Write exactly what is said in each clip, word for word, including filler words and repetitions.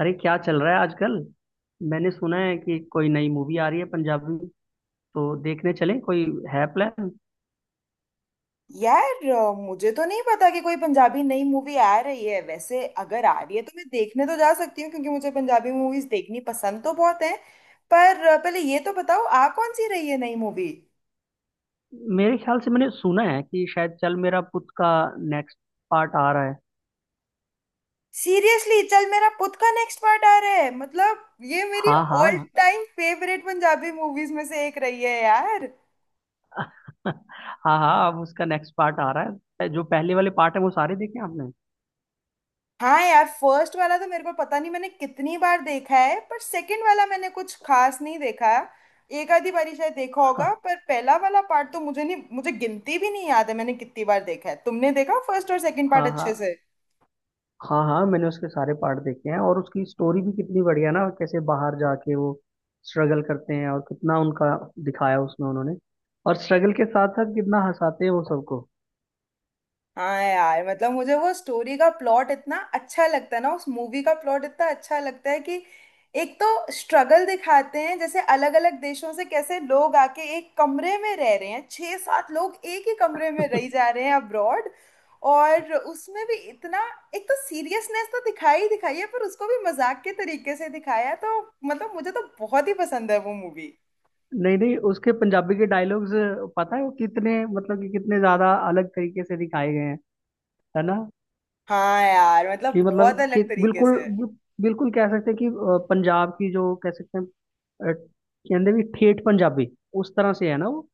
अरे, क्या चल रहा है आजकल। मैंने सुना है कि कोई नई मूवी आ रही है पंजाबी। तो देखने चले कोई है प्लान। यार अ, मुझे तो नहीं पता कि कोई पंजाबी नई मूवी आ रही है। वैसे अगर आ रही है तो मैं देखने तो जा सकती हूँ क्योंकि मुझे पंजाबी मूवीज देखनी पसंद तो बहुत है। पर अ, पहले ये तो बताओ आ कौन सी रही है नई मूवी। मेरे ख्याल से मैंने सुना है कि शायद चल मेरा पुत का नेक्स्ट पार्ट आ रहा है। सीरियसली चल मेरा पुत का नेक्स्ट पार्ट आ रहा है मतलब ये मेरी हाँ ऑल हाँ। टाइम फेवरेट पंजाबी मूवीज में से एक रही है यार। हाँ हाँ, अब उसका नेक्स्ट पार्ट आ रहा है। जो पहले वाले पार्ट है वो सारे देखे आपने। हाँ यार, फर्स्ट वाला तो मेरे को पता नहीं मैंने कितनी बार देखा है पर सेकंड वाला मैंने कुछ खास नहीं देखा। एक आधी बारी शायद देखा होगा पर पहला वाला पार्ट तो मुझे नहीं, मुझे गिनती भी नहीं याद है मैंने कितनी बार देखा है। तुमने देखा फर्स्ट और सेकंड पार्ट हाँ हाँ। अच्छे से? हाँ हाँ, मैंने उसके सारे पार्ट देखे हैं। और उसकी स्टोरी भी कितनी बढ़िया ना, कैसे बाहर जाके वो स्ट्रगल करते हैं और कितना उनका दिखाया उसमें उन्होंने। और स्ट्रगल के साथ साथ कितना हंसाते हैं वो सबको। हाँ यार, मतलब मुझे वो स्टोरी का प्लॉट इतना अच्छा लगता है ना, उस मूवी का प्लॉट इतना अच्छा लगता है कि एक तो स्ट्रगल दिखाते हैं जैसे अलग अलग देशों से कैसे लोग आके एक कमरे में रह रहे हैं, छह सात लोग एक ही कमरे में रह जा रहे हैं अब्रॉड। और उसमें भी इतना एक तो सीरियसनेस तो दिखाई ही दिखाई है पर उसको भी मजाक के तरीके से दिखाया है, तो मतलब मुझे तो बहुत ही पसंद है वो मूवी। नहीं नहीं, उसके पंजाबी के डायलॉग्स पता है वो कितने, मतलब कि कितने ज्यादा अलग तरीके से दिखाए गए हैं। है ना। हाँ यार, मतलब कि बहुत मतलब कि अलग तरीके बिल्कुल, से। बिल्कुल कह सकते हैं कि अ, पंजाब की जो कह सकते हैं अ, कहते भी ठेठ पंजाबी उस तरह से। है ना वो।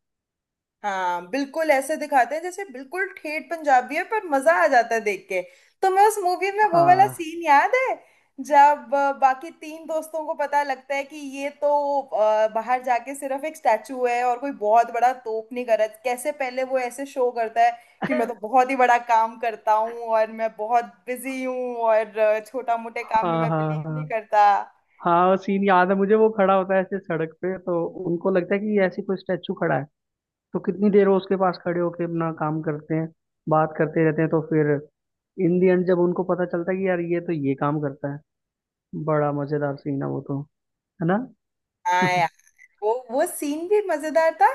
हाँ बिल्कुल, ऐसे दिखाते हैं जैसे बिल्कुल ठेठ पंजाबी है पर मजा आ जाता है देख के। तुम्हें उस मूवी में वो वाला हाँ सीन याद है जब अ, बाकी तीन दोस्तों को पता लगता है कि ये तो अ, बाहर जाके सिर्फ एक स्टैचू है और कोई बहुत बड़ा तोप नहीं कर रहा, कैसे पहले वो ऐसे शो करता है कि मैं तो बहुत ही बड़ा काम करता हूँ और मैं बहुत बिजी हूँ और छोटा मोटे काम में हाँ। मैं हाँ बिलीव नहीं हाँ। करता। हाँ, वो सीन याद है मुझे। वो खड़ा होता है ऐसे सड़क पे, तो उनको लगता है कि ये ऐसे कोई स्टैचू खड़ा है। तो कितनी देर वो उसके पास खड़े होके अपना काम करते हैं, बात करते रहते हैं। तो फिर इन दी एंड जब उनको पता चलता है कि यार ये तो ये काम करता है। बड़ा मजेदार सीन है वो तो। है ना। हाँ, वो वो सीन भी मजेदार था।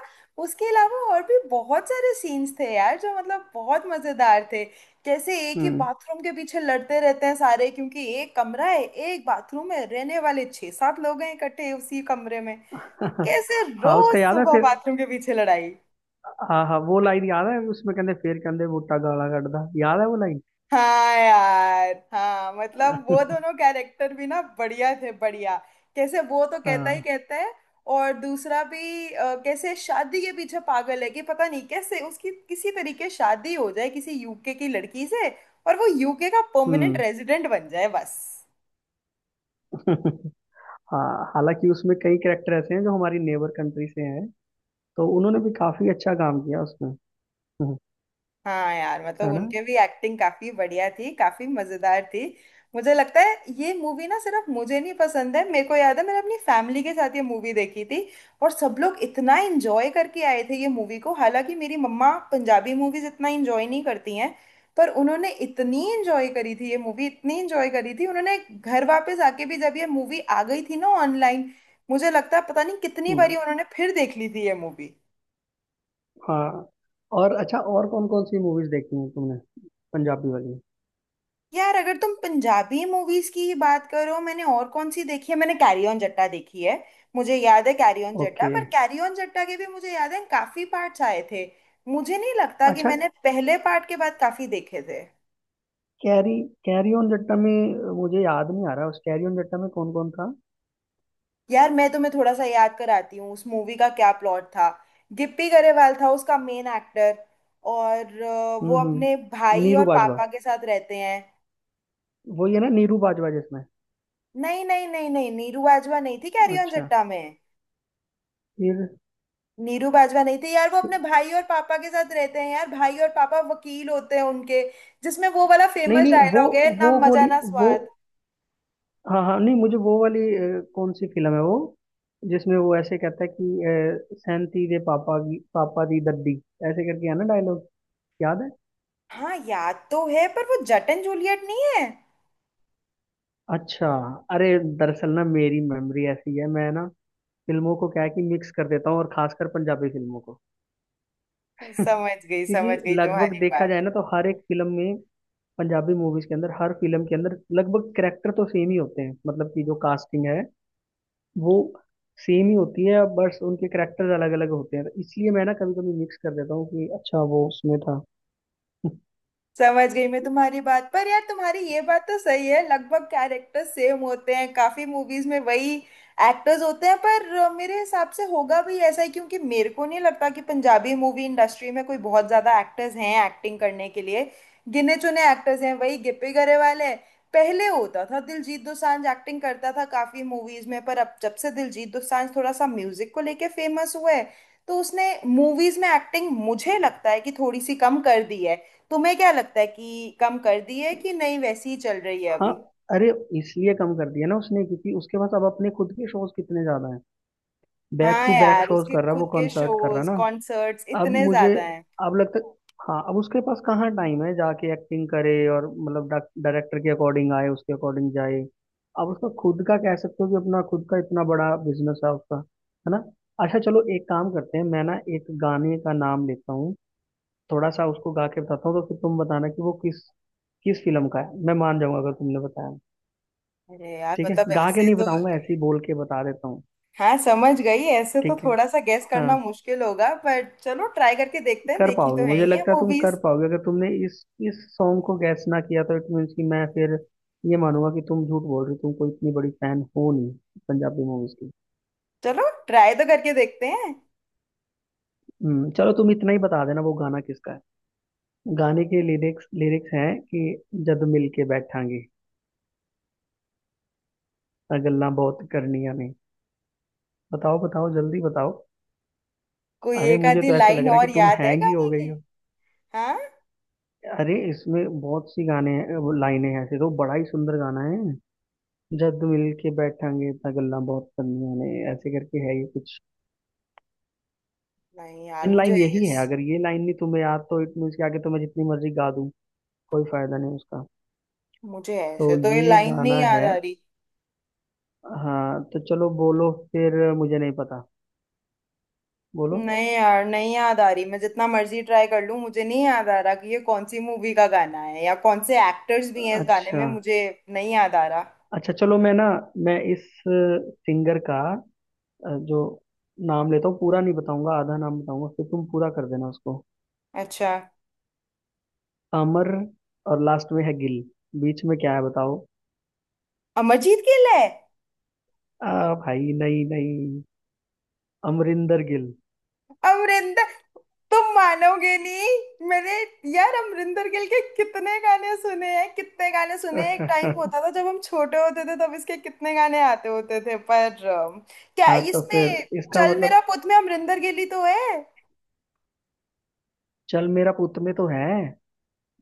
उसके अलावा और भी बहुत सारे सीन्स थे यार जो मतलब बहुत मजेदार थे। जैसे एक ही हम्म। बाथरूम के पीछे लड़ते रहते हैं सारे, क्योंकि एक कमरा है, एक बाथरूम है, रहने वाले छह सात लोग हैं इकट्ठे उसी कमरे में, तो कैसे हाँ, रोज उसका याद है सुबह फिर। बाथरूम के पीछे लड़ाई। हाँ हाँ, वो लाइन याद है उसमें, कहते फिर कहते बूटा गाला कटदा। याद है वो लाइन। हाँ यार, हाँ मतलब वो दोनों कैरेक्टर भी ना बढ़िया थे, बढ़िया। कैसे वो तो कहता ही हाँ। कहता है और दूसरा भी अ, कैसे शादी के पीछे पागल है कि पता नहीं कैसे उसकी किसी तरीके शादी हो जाए किसी यूके की लड़की से और वो यूके का परमानेंट हम्म। रेजिडेंट बन जाए बस। हाँ, हालांकि उसमें कई कैरेक्टर ऐसे हैं जो हमारी नेबर कंट्री से हैं, तो उन्होंने भी काफी अच्छा काम किया उसमें। हम्म। हाँ यार, मतलब है ना। उनके भी एक्टिंग काफी बढ़िया थी, काफी मजेदार थी। मुझे लगता है ये मूवी ना सिर्फ मुझे नहीं पसंद है, मेरे को याद है मैंने अपनी फैमिली के साथ ये मूवी देखी थी और सब लोग इतना एंजॉय करके आए थे ये मूवी को। हालांकि मेरी मम्मा पंजाबी मूवीज इतना एंजॉय नहीं करती हैं पर उन्होंने इतनी एंजॉय करी थी ये मूवी, इतनी एंजॉय करी थी उन्होंने। घर वापस आके भी जब ये मूवी आ गई थी ना ऑनलाइन, मुझे लगता है पता नहीं कितनी बारी हम्म। उन्होंने फिर देख ली थी ये मूवी। हाँ। और अच्छा, और कौन कौन सी मूवीज देखी हैं तुमने, पंजाबी वाली। यार अगर तुम पंजाबी मूवीज की ही बात करो, मैंने और कौन सी देखी है, मैंने कैरी ऑन जट्टा देखी है। मुझे याद है कैरी ऑन जट्टा, ओके। पर कैरी ऑन जट्टा के भी मुझे याद है काफी पार्ट्स आए थे। मुझे नहीं लगता कि अच्छा। मैंने पहले पार्ट के बाद काफी देखे थे। कैरी, कैरी ऑन जट्टा में अ, मुझे याद नहीं आ रहा, उस कैरी ऑन जट्टा में कौन कौन था। यार मैं तुम्हें थोड़ा सा याद कराती हूँ उस मूवी का क्या प्लॉट था। गिप्पी गरेवाल था उसका मेन एक्टर और अ, वो हम्म अपने हम्म। भाई और नीरू बाजवा। पापा के साथ रहते हैं। वो ये ना, नीरू बाजवा जिसमें। नहीं नहीं नहीं नहीं, नीरू बाजवा नहीं थी कैरी ऑन अच्छा। जट्टा में। फिर नीरू बाजवा नहीं थे यार, वो अपने भाई और पापा के साथ रहते हैं यार, भाई और पापा वकील होते हैं उनके, जिसमें वो वाला नहीं फेमस नहीं। वो डायलॉग है ना, वो मजा गोली ना वो। स्वाद। हाँ हाँ, नहीं मुझे वो वाली अ, कौन सी फिल्म है वो जिसमें वो ऐसे कहता है कि अ, सैंती दे पापा की पापा दी दद्दी, ऐसे करके। है ना डायलॉग। याद है। हाँ याद तो है पर वो जट एंड जूलियट नहीं है। अच्छा। अरे, दरअसल ना मेरी मेमोरी ऐसी है, मैं ना फिल्मों को क्या है कि मिक्स कर देता हूँ, और खासकर पंजाबी फिल्मों को। समझ गई समझ क्योंकि गई लगभग तुम्हारी देखा बात। जाए ना तो हर एक फिल्म में, पंजाबी मूवीज के अंदर हर फिल्म के अंदर लगभग कैरेक्टर तो सेम ही होते हैं। मतलब कि जो कास्टिंग है वो सेम ही होती है, बस उनके करेक्टर्स अलग अलग होते हैं। तो इसलिए मैं ना कभी कभी मिक्स कर देता हूँ कि अच्छा वो उसमें था। समझ गई मैं तुम्हारी बात, पर यार तुम्हारी ये बात तो सही है, लगभग कैरेक्टर सेम होते हैं, काफी मूवीज में वही एक्टर्स होते हैं पर अ, मेरे हिसाब से होगा भी ऐसा ही क्योंकि मेरे को नहीं लगता कि पंजाबी मूवी इंडस्ट्री में कोई बहुत ज्यादा एक्टर्स हैं एक्टिंग करने के लिए, गिने चुने एक्टर्स हैं, वही गिप्पी गरेवाल है। पहले होता था दिलजीत दोसांझ एक्टिंग करता था काफी मूवीज में पर अब जब से दिलजीत दोसांझ थोड़ा सा म्यूजिक को लेके फेमस हुआ है तो उसने मूवीज में एक्टिंग मुझे लगता है कि थोड़ी सी कम कर दी है। तुम्हें क्या लगता है कि कम कर दी है कि नहीं, वैसी ही चल रही है हाँ। अभी? अरे, इसलिए कम कर दिया ना उसने, क्योंकि उसके पास अब अपने खुद के शोज कितने ज्यादा हैं। बैक हाँ टू बैक यार, शोज उसके कर रहा है, वो खुद के कंसर्ट कर रहा है शोज ना। कॉन्सर्ट्स अब इतने मुझे, ज्यादा हैं। अब लगता, हाँ अब उसके पास कहाँ टाइम है जाके एक्टिंग करे, और मतलब डायरेक्टर के अकॉर्डिंग आए उसके अकॉर्डिंग जाए। अब उसका खुद का कह सकते हो कि अपना खुद का इतना बड़ा बिजनेस है उसका। है ना। अच्छा चलो, एक काम करते हैं। मैं ना एक गाने का नाम लेता हूँ, थोड़ा सा उसको गा के बताता हूँ, तो फिर तुम बताना कि वो किस किस फिल्म का है। मैं मान जाऊंगा अगर तुमने बताया। अरे यार ठीक है, मतलब गा के ऐसे नहीं तो। बताऊंगा ऐसे ही बोल के बता देता हूँ। हाँ समझ गई, ऐसे तो ठीक है। थोड़ा सा गेस हाँ, करना मुश्किल होगा पर चलो ट्राई करके देखते हैं, कर देखी पाओगे, तो है मुझे ही है लगता है तुम कर मूवीज। पाओगे। अगर तुमने इस इस सॉन्ग को गैस ना किया तो इट मीन्स कि मैं फिर ये मानूंगा कि तुम झूठ बोल रहे हो, तुम कोई इतनी बड़ी फैन हो नहीं पंजाबी मूवीज की। चलो ट्राई तो करके देखते हैं। हम्म, चलो तुम इतना ही बता देना वो गाना किसका है। गाने के लिरिक्स लिरिक्स हैं कि, जद मिल के बैठांगे, आ गल्ला बहुत करनियां ने। बताओ बताओ जल्दी बताओ। कोई अरे एक मुझे आधी तो ऐसे लग लाइन रहा है और कि तुम याद है हैंग ही हो गाने गई की? हो। हाँ। अरे, इसमें बहुत सी गाने हैं, वो लाइनें हैं, ऐसे तो बड़ा ही सुंदर गाना है। जद मिल के बैठांगे इतना गल्ला बहुत करनिया ने, ऐसे करके है ये कुछ नहीं यार, इन मुझे लाइन यही है। ऐस- अगर ये लाइन नहीं तुम्हें याद, तो इट मीन्स के आगे तो मैं जितनी मर्जी गा दूं कोई फायदा नहीं उसका। मुझे तो ऐसे तो ये ये लाइन नहीं गाना याद है। आ रही। हाँ तो चलो बोलो फिर, मुझे नहीं पता। बोलो। नहीं यार नहीं याद आ रही, मैं जितना मर्जी ट्राई कर लूं मुझे नहीं याद आ रहा कि ये कौन सी मूवी का गाना है या कौन से एक्टर्स भी हैं इस गाने अच्छा। में, मुझे नहीं याद आ रहा। अच्छा चलो, मैं ना, मैं इस सिंगर का अ, जो नाम लेता हूँ पूरा नहीं बताऊंगा, आधा नाम बताऊंगा, फिर तुम पूरा कर देना उसको। अच्छा। अमर, और लास्ट में है गिल। बीच में क्या है बताओ। अमरजीत गिल है? आ भाई, नहीं नहीं, अमरिंदर गिल। अमरिंदर, तुम मानोगे नहीं मैंने, यार अमरिंदर गिल के कितने गाने सुने हैं, कितने गाने सुने हैं, एक टाइम होता था जब हम छोटे होते थे तब इसके कितने गाने आते होते थे पर अम, क्या हाँ तो फिर इसमें इसका चल मतलब, मेरा पुत में अमरिंदर गिल ही तो है। चल मेरा पुत में तो है।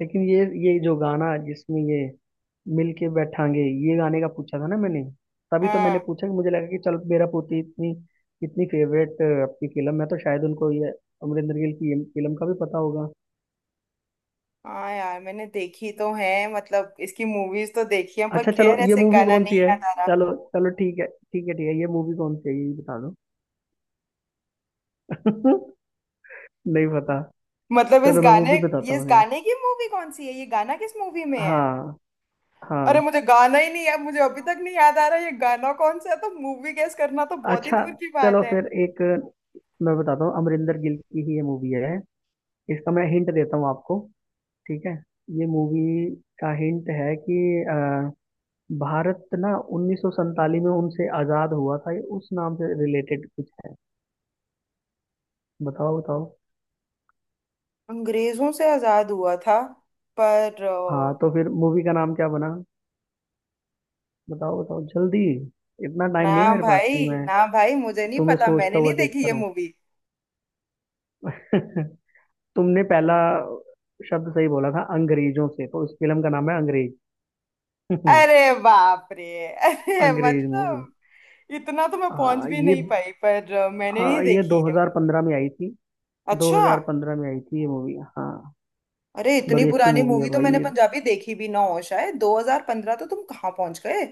लेकिन ये ये जो गाना, जिसमें ये मिल के बैठांगे, ये गाने का पूछा था ना मैंने। तभी तो मैंने हाँ पूछा कि मुझे लगा कि चल मेरा पोती इतनी इतनी फेवरेट आपकी फिल्म है तो शायद उनको ये अमरिंदर गिल की ये फिल्म का भी पता होगा। हाँ यार, मैंने देखी तो है मतलब इसकी मूवीज तो देखी है पर अच्छा चलो, खैर ये ऐसे मूवी गाना कौन सी नहीं है। याद आ रहा। चलो चलो, ठीक है ठीक है ठीक है, ये मूवी कौन सी है ये भी बता दो। नहीं पता। मतलब इस चलो मैं गाने, मूवी बताता ये इस हूँ फिर। गाने की मूवी कौन सी है? ये गाना किस मूवी में है? हाँ अरे हाँ। मुझे गाना ही नहीं याद, मुझे अभी तक नहीं याद आ रहा ये गाना कौन सा है, तो मूवी गेस करना तो बहुत ही अच्छा दूर की चलो बात है। फिर, एक मैं बताता हूँ। अमरिंदर गिल की ही ये मूवी है। इसका मैं हिंट देता हूँ आपको। ठीक है। ये मूवी का हिंट है कि अ, भारत ना उन्नीस सौ सैंतालीस में उनसे आज़ाद हुआ था, ये उस नाम से रिलेटेड कुछ है। बताओ बताओ। अंग्रेजों से आजाद हुआ था पर हाँ अ, तो फिर मूवी का नाम क्या बना, बताओ बताओ जल्दी, इतना टाइम ना नहीं है मेरे पास कि भाई मैं ना भाई, मुझे नहीं तुम्हें पता, सोचता मैंने हुआ नहीं देखी देखता ये रहूँ। मूवी। तुमने पहला शब्द सही बोला था, अंग्रेजों से, तो इस फिल्म का नाम है अंग्रेज। अरे बाप रे अरे अंग्रेज मूवी। मतलब इतना तो मैं पहुंच हाँ भी ये, नहीं पाई, पर अ, मैंने नहीं हाँ ये देखी। दो हज़ार पंद्रह में आई थी। अच्छा। दो हज़ार पंद्रह में आई थी ये मूवी, हाँ। अरे इतनी बड़ी अच्छी पुरानी मूवी है मूवी तो भाई मैंने ये। पंजाबी देखी भी ना हो शायद, दो हज़ार पंद्रह तो तुम कहाँ पहुंच गए।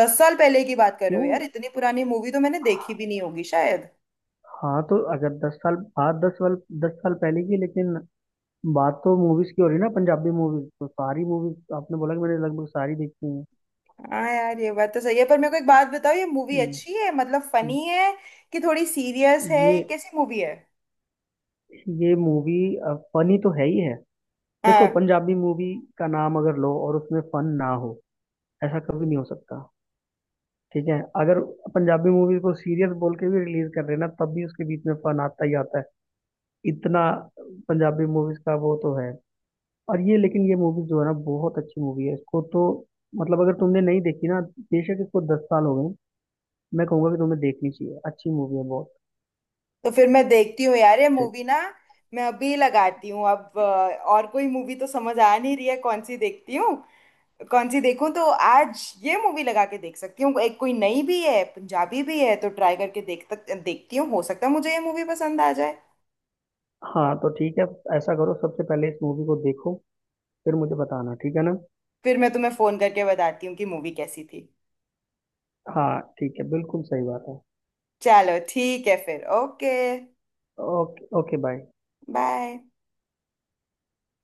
दस साल पहले की बात कर रहे हो क्यों। यार, इतनी पुरानी मूवी तो मैंने देखी भी नहीं होगी शायद। हाँ तो अगर दस साल बाद, दस साल, दस साल पहले की, लेकिन बात तो मूवीज की हो रही है ना, पंजाबी मूवीज तो सारी मूवीज आपने बोला कि मैंने लगभग सारी देखी हैं। हाँ यार ये बात तो सही है, पर मेरे को एक बात बताओ ये मूवी हम्म। अच्छी है मतलब हम्म। फनी है कि थोड़ी सीरियस है, ये ये कैसी मूवी है? ये मूवी फनी तो है ही है। देखो हाँ पंजाबी मूवी का नाम अगर लो और उसमें फन ना हो, ऐसा कभी नहीं हो सकता। ठीक है, अगर पंजाबी मूवीज को सीरियस बोल के भी रिलीज कर रहे हैं ना, तब भी उसके बीच में फन आता ही आता है इतना। पंजाबी मूवीज का वो तो है। और ये, लेकिन ये मूवी जो है ना बहुत अच्छी मूवी है इसको तो, मतलब अगर तुमने नहीं देखी ना, बेशक इसको दस साल हो गए, मैं कहूंगा कि तुम्हें देखनी चाहिए, अच्छी मूवी है बहुत। तो फिर मैं देखती हूँ यार ये ठीक। मूवी ना, मैं अभी लगाती हूँ। अब अ, और कोई मूवी तो समझ आ नहीं रही है कौन सी देखती हूँ, कौन सी देखूं, तो आज ये मूवी लगा के देख सकती हूँ, एक कोई नई भी है पंजाबी भी है तो ट्राई करके देख तक देखती हूँ, हो सकता है मुझे ये मूवी पसंद आ जाए। हाँ तो ठीक है, ऐसा करो, सबसे पहले इस मूवी को देखो, फिर मुझे बताना। ठीक है ना। फिर मैं तुम्हें फोन करके बताती हूँ कि मूवी कैसी थी। हाँ ठीक है, बिल्कुल सही बात है। चलो ठीक है फिर, okay, okay. Okay, bye. Bye.